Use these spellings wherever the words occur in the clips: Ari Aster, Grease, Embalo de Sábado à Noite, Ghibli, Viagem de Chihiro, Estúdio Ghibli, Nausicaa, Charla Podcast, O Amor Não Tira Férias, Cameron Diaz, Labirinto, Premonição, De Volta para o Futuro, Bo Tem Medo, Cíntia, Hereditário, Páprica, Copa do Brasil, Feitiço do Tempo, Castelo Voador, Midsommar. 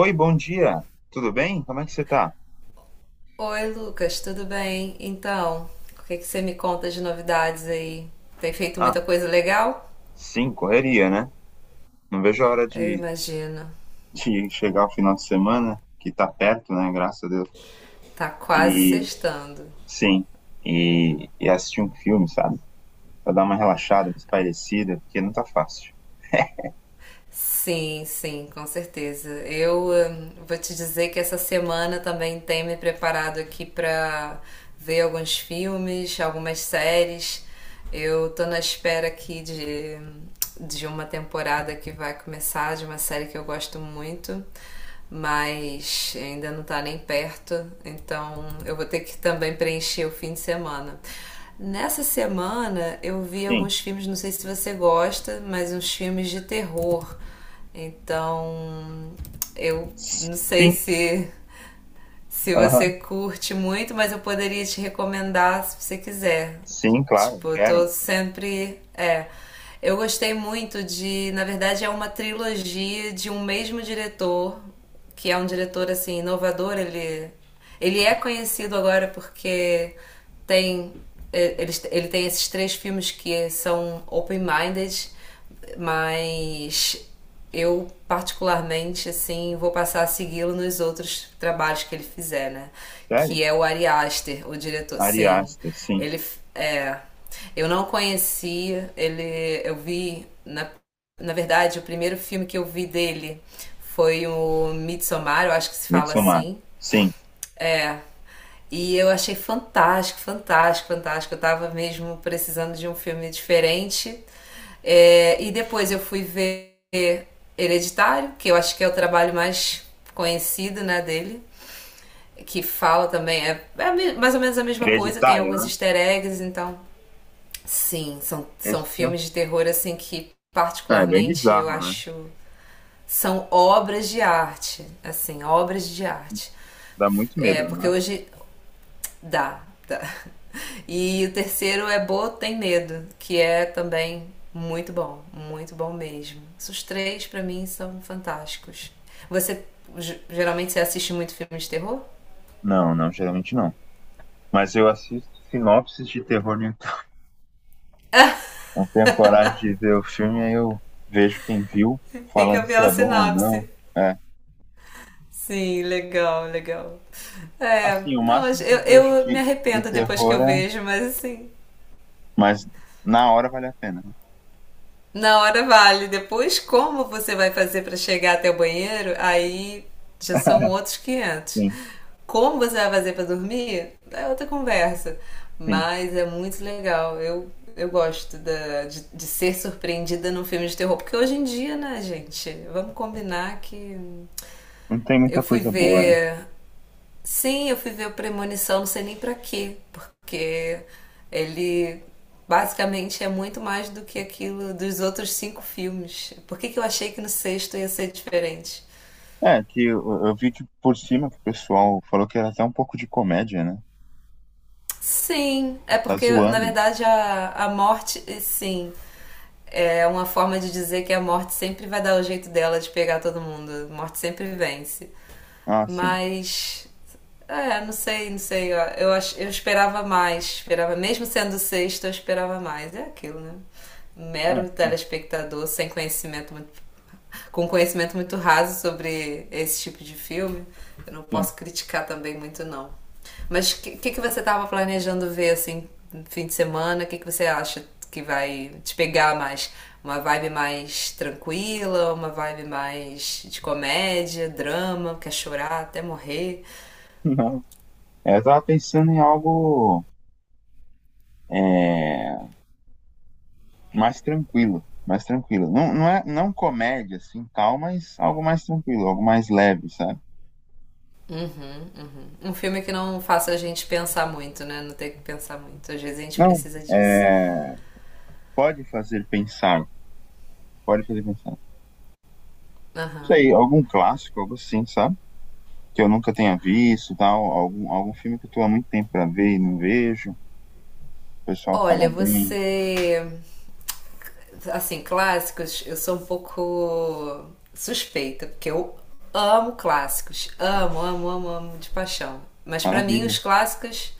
Oi, bom dia. Tudo bem? Como é que você tá? Oi, Lucas, tudo bem? Então, o que é que você me conta de novidades aí? Tem feito muita Ah, coisa legal? sim, correria, né? Não vejo a hora Eu de, imagino. de chegar o final de semana, que tá perto, né? Graças a Deus. Tá quase E sextando. sim, e assistir um filme, sabe? Pra dar uma relaxada, uma espairecida, porque não tá fácil. Sim, sim, com certeza. Eu vou te dizer que essa semana também tem me preparado aqui pra ver alguns filmes, algumas séries. Eu tô na espera aqui de uma temporada que vai começar, de uma série que eu gosto muito. Mas ainda não está nem perto, então eu vou ter que também preencher o fim de semana. Nessa semana eu vi Sim. alguns filmes, não sei se você gosta, mas uns filmes de terror. Então, eu não sei Sim. se Aham. você curte muito, mas eu poderia te recomendar se você quiser. Sim, claro, Tipo, eu quero. tô sempre. É. Eu gostei muito de. Na verdade, é uma trilogia de um mesmo diretor, que é um diretor assim, inovador. Ele é conhecido agora porque tem. Ele tem esses três filmes que são open-minded, mas eu, particularmente, assim, vou passar a segui-lo nos outros trabalhos que ele fizer, né? Que Sério? é o Ari Aster, o diretor. Ari Sim, Aster, sim. ele é. Eu não conhecia, ele. Eu vi, na verdade, o primeiro filme que eu vi dele foi o Midsommar, eu acho que se fala Midsommar. assim. Sim. E eu achei fantástico, fantástico, fantástico. Eu tava mesmo precisando de um filme diferente. É, e depois eu fui ver Hereditário, que eu acho que é o trabalho mais conhecido, né, dele, que fala também, é mais ou menos a mesma coisa, tem Hereditário, alguns né? easter eggs, então, sim, são Esse filme. filmes de terror, assim, que Ah, é bem particularmente eu bizarro, né? acho, são obras de arte, assim, obras de arte, Dá muito medo, é, não porque dá? hoje dá. E o terceiro é Bo Tem Medo, que é também muito bom mesmo. Esses três pra mim são fantásticos. Você Geralmente você assiste muito filme de terror? Não, não, geralmente não. Mas eu assisto sinopses de terror no YouTube. Não tenho coragem de ver o filme, aí eu vejo quem viu, Fica falando se pela é bom ou não. sinopse. É. Sim, legal, legal. É, Assim, o não, máximo que eu, eu vejo eu me de arrependo depois que terror eu é. vejo, mas assim, Mas na hora vale a pena, né? na hora vale. Depois, como você vai fazer para chegar até o banheiro? Aí já são outros quinhentos. Sim, Como você vai fazer para dormir? É outra conversa. sim. Mas é muito legal. Eu gosto de ser surpreendida num filme de terror. Porque hoje em dia, né, gente? Vamos combinar que. Não tem muita Eu fui coisa boa, né? ver Sim, eu fui ver o Premonição, não sei nem pra quê, porque ele basicamente é muito mais do que aquilo dos outros cinco filmes. Por que que eu achei que no sexto ia ser diferente? É, que eu vi que por cima que o pessoal falou que era até um pouco de comédia, né? Sim, é Tá porque na zoando. verdade a morte, sim, é uma forma de dizer que a morte sempre vai dar o jeito dela de pegar todo mundo. A morte sempre vence. Ah, sim. Mas, é, não sei, não sei. Ó, eu esperava mais. Esperava, mesmo sendo sexta, eu esperava mais. É aquilo, né? Ah, Mero telespectador sem conhecimento muito. Com conhecimento muito raso sobre esse tipo de filme, eu não sim. posso criticar também muito, não. Mas o que você estava planejando ver assim, no fim de semana? O que você acha que vai te pegar mais? Uma vibe mais tranquila, uma vibe mais de comédia, drama, quer chorar até morrer. Não. Eu tava pensando em algo. É mais tranquilo, mais tranquilo. Não, não é não comédia assim, tal, mas algo mais tranquilo, algo mais leve, sabe? Uhum, uhum. Um filme que não faça a gente pensar muito, né? Não tem que pensar muito. Às vezes a gente Não, precisa disso. é, pode fazer pensar, pode fazer pensar. Não Aham. sei, algum clássico, algo assim, sabe? Que eu nunca tenha visto, tal, algum, algum filme que eu tô há muito tempo pra ver e não vejo. O pessoal Olha, fala bem, você assim, clássicos, eu sou um pouco suspeita, porque eu amo clássicos. Amo, amo, amo, amo de paixão. Mas pra mim, maravilha. os clássicos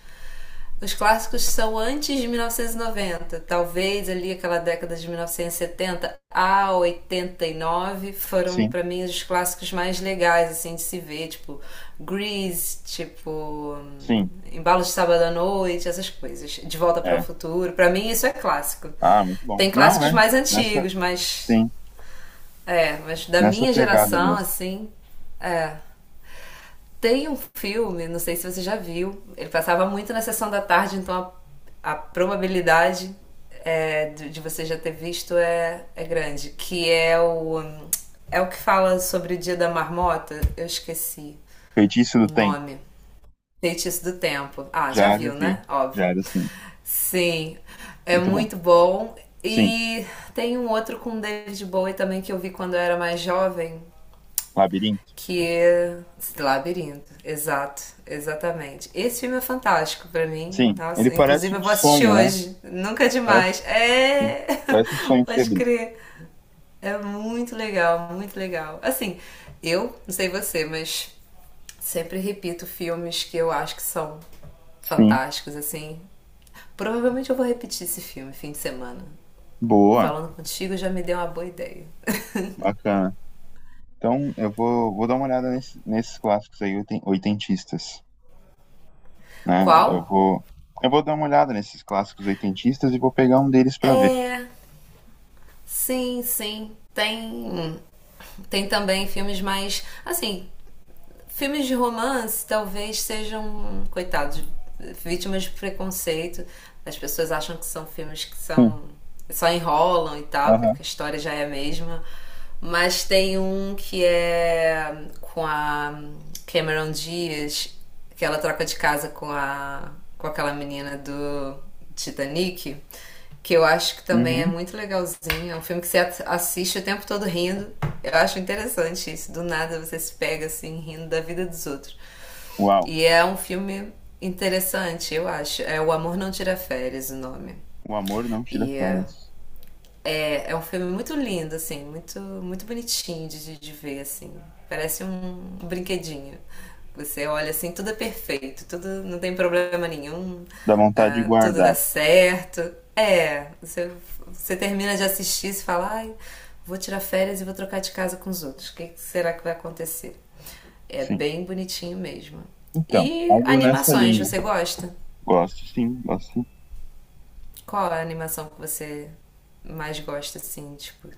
os clássicos são antes de 1990, talvez ali aquela década de 1970 a 89, foram Sim, para mim os clássicos mais legais assim de se ver, tipo Grease, tipo sim, Embalo de Sábado à Noite, essas coisas. De Volta para o é. Futuro, para mim isso é clássico. Ah, muito bom. Tem Não clássicos é mais nessa, antigos, mas sim, é, mas da nessa minha pegada geração mesmo. assim, é, tem um filme, não sei se você já viu, ele passava muito na sessão da tarde, então a probabilidade é, de você já ter visto é grande. Que é o. É o que fala sobre o dia da marmota? Eu esqueci Feitiço o do Tempo, nome. Feitiço do Tempo. Ah, já já viu, vi, né? já Óbvio. era assim, Sim, é muito bom. muito bom. Sim, E tem um outro com David Bowie também que eu vi quando eu era mais jovem, Labirinto. que é esse Labirinto, exato, exatamente. Esse filme é fantástico pra mim. Sim, ele Nossa, parece inclusive eu um vou assistir sonho, né? hoje. Nunca é Parece, demais. sim. É, Parece um sonho pode febril. crer. É muito legal, muito legal. Assim, eu não sei você, mas sempre repito filmes que eu acho que são Sim, fantásticos, assim. Provavelmente eu vou repetir esse filme fim de semana. boa, Falando contigo já me deu uma boa ideia. bacana. Então, eu vou, vou dar uma olhada nesses clássicos aí oitentistas, né? Qual? Eu vou dar uma olhada nesses clássicos oitentistas e vou pegar um deles pra ver. É, sim, sim. Tem um. Tem também filmes mais. Assim, filmes de romance talvez sejam, coitados, vítimas de preconceito. As pessoas acham que são filmes que Sim, são, só enrolam e tal, que aham. a história já é a mesma. Mas tem um que é com a Cameron Diaz, que ela troca de casa com aquela menina do Titanic, que eu acho que também é Uhum. muito legalzinho. É um filme que você assiste o tempo todo rindo. Eu acho interessante isso. Do nada você se pega assim rindo da vida dos outros. Uau, E é um filme interessante, eu acho. É O Amor Não Tira Férias, o nome. o amor não tira E é, férias. é, é um filme muito lindo, assim, muito, muito bonitinho de ver, assim. Parece um brinquedinho. Você olha assim, tudo é perfeito, tudo não tem problema nenhum, Dá vontade de ah, tudo dá guardar, certo. É, você termina de assistir e fala, ai, vou tirar férias e vou trocar de casa com os outros. O que que será que vai acontecer? É sim. bem bonitinho mesmo. Então, E algo nessa animações, linha. você gosta? Gosto, sim, gosto. Sim. Qual a animação que você mais gosta, assim, tipo,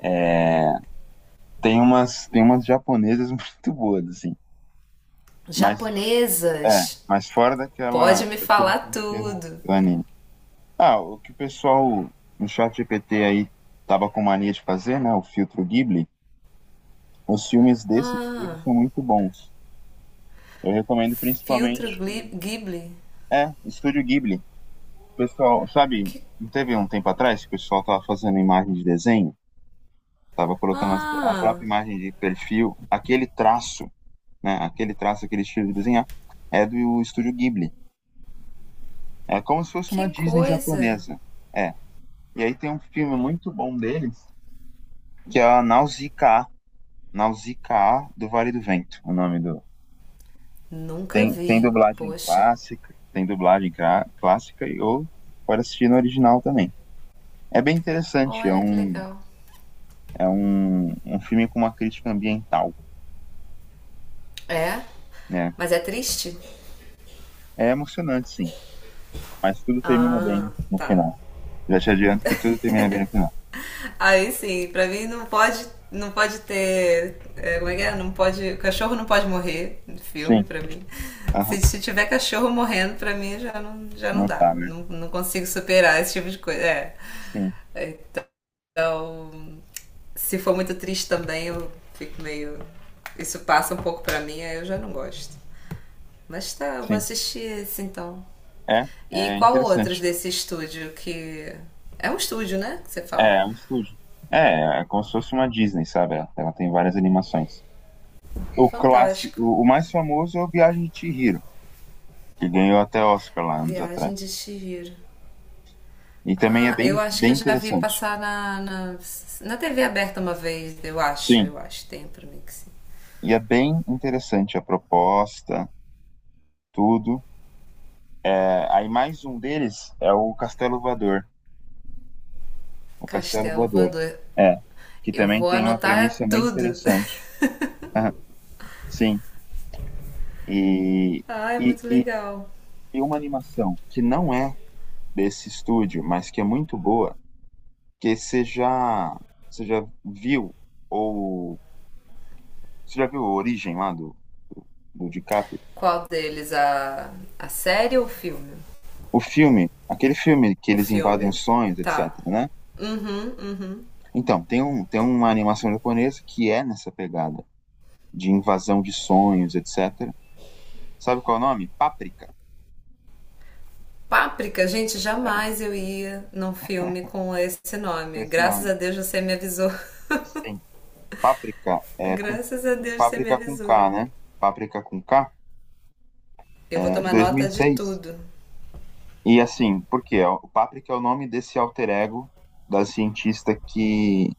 É, tem umas japonesas muito boas, assim. Mas é, japonesas, mas fora daquela, pode me daquele falar clichê do tudo. Dani. Ah, o que o pessoal no chat GPT aí tava com mania de fazer, né? O filtro Ghibli. Os filmes desse estúdio Ah, são muito bons. Eu recomendo filtro principalmente. Ghibli. É, Estúdio Ghibli. Pessoal, sabe, Que... não teve um tempo atrás que o pessoal tava fazendo imagem de desenho? Tava colocando a Ah, própria imagem de perfil, aquele traço, né? Aquele traço, aquele estilo de desenhar, é do Estúdio Ghibli. É como se fosse uma que Disney coisa. japonesa. É. E aí tem um filme muito bom deles, que é a Nausicaa, Nausicaa do Vale do Vento, o nome do. Nunca Tem, tem vi. dublagem Poxa, clássica, tem dublagem clássica e ou pode assistir no original também. É bem interessante, olha que legal. é um, um filme com uma crítica ambiental, É? né? Mas é triste? É emocionante, sim, mas tudo termina bem Ah, no tá. final. Já te adianto que tudo termina bem no final. Aí sim, pra mim não pode, não pode ter. É, como é que é? Não pode. O cachorro não pode morrer no filme, Sim, pra mim. aham, Se tiver cachorro morrendo, pra mim já não não dá. tá, né? Não, não consigo superar esse tipo de coisa. É. Sim, Então, se for muito triste também, eu fico meio. Isso passa um pouco pra mim, aí eu já não gosto. Mas tá, eu vou sim. assistir esse então. É, E é qual outros interessante. desse estúdio que. É um estúdio, né? Que você fala. É, é um estúdio. É, é como se fosse uma Disney, sabe? Ela tem várias animações. O clássico, Fantástico. o mais famoso é o Viagem de Chihiro, que ganhou até Oscar lá anos Viagem de atrás. Chihiro. E também é Ah, bem, eu acho que bem eu já vi interessante. passar na TV aberta uma vez, eu acho, Sim, eu acho, tem pra mim que sim. e é bem interessante a proposta, tudo. É, aí mais um deles é o Castelo Voador. O Castelo Castelo Voador. Voador. É, que Eu também vou tem uma anotar premissa muito tudo. interessante. Aham, sim, e, Ah, é e, muito e legal. e uma animação que não é desse estúdio, mas que é muito boa, que você já viu, ou você já viu a origem lá do, do DiCaprio? Qual deles? A série ou o filme? O filme, aquele filme que O eles invadem filme. os sonhos, Tá. etc, né? Uhum, uhum. Então, tem uma animação japonesa que é nessa pegada de invasão de sonhos, etc. Sabe qual é o nome? Páprica. Páprica, gente, jamais eu ia num filme com esse nome. Esse Graças nome. a Deus você me avisou. Sim. Páprica, é, com, Graças a Deus você me Páprica com avisou. K, né? Páprica com K, Eu vou é, de tomar nota de 2006. tudo. E assim, por quê? É, o Paprika é o nome desse alter ego da cientista que,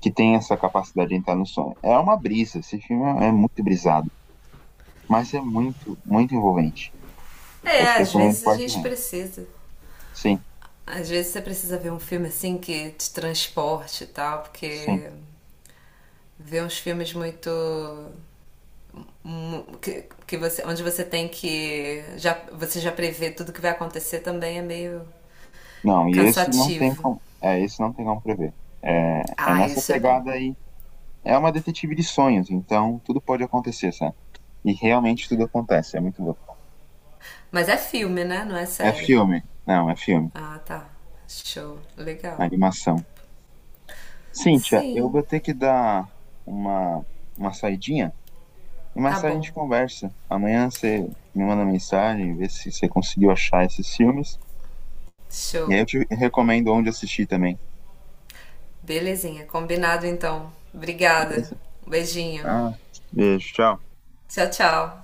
que tem essa capacidade de entrar no sonho. É uma brisa, esse filme é muito brisado, mas é muito, muito envolvente. Eu É, te às recomendo vezes a gente fortemente. precisa. Sim, Às vezes você precisa ver um filme assim que te transporte e tal, sim. porque ver uns filmes muito que você, onde você tem que já você já prevê tudo que vai acontecer também é meio Não, e esse não tem cansativo. como, é, esse não tem como prever. É, é Ah, nessa isso é bom. pegada aí. É uma detetive de sonhos, então tudo pode acontecer, sabe? E realmente tudo acontece, é muito louco. Mas é filme, né? Não é É série. filme. Não, é filme. Ah, tá. Show. Legal. Animação. Cíntia, eu Sim. vou ter que dar uma, uma saidinha e Tá mais tarde a bom. gente conversa. Amanhã você me manda mensagem, vê se você conseguiu achar esses filmes. E aí Show. eu te recomendo onde assistir também. Belezinha. Combinado então. Obrigada. Beleza? Um beijinho. Ah, beijo, tchau. Tchau, tchau.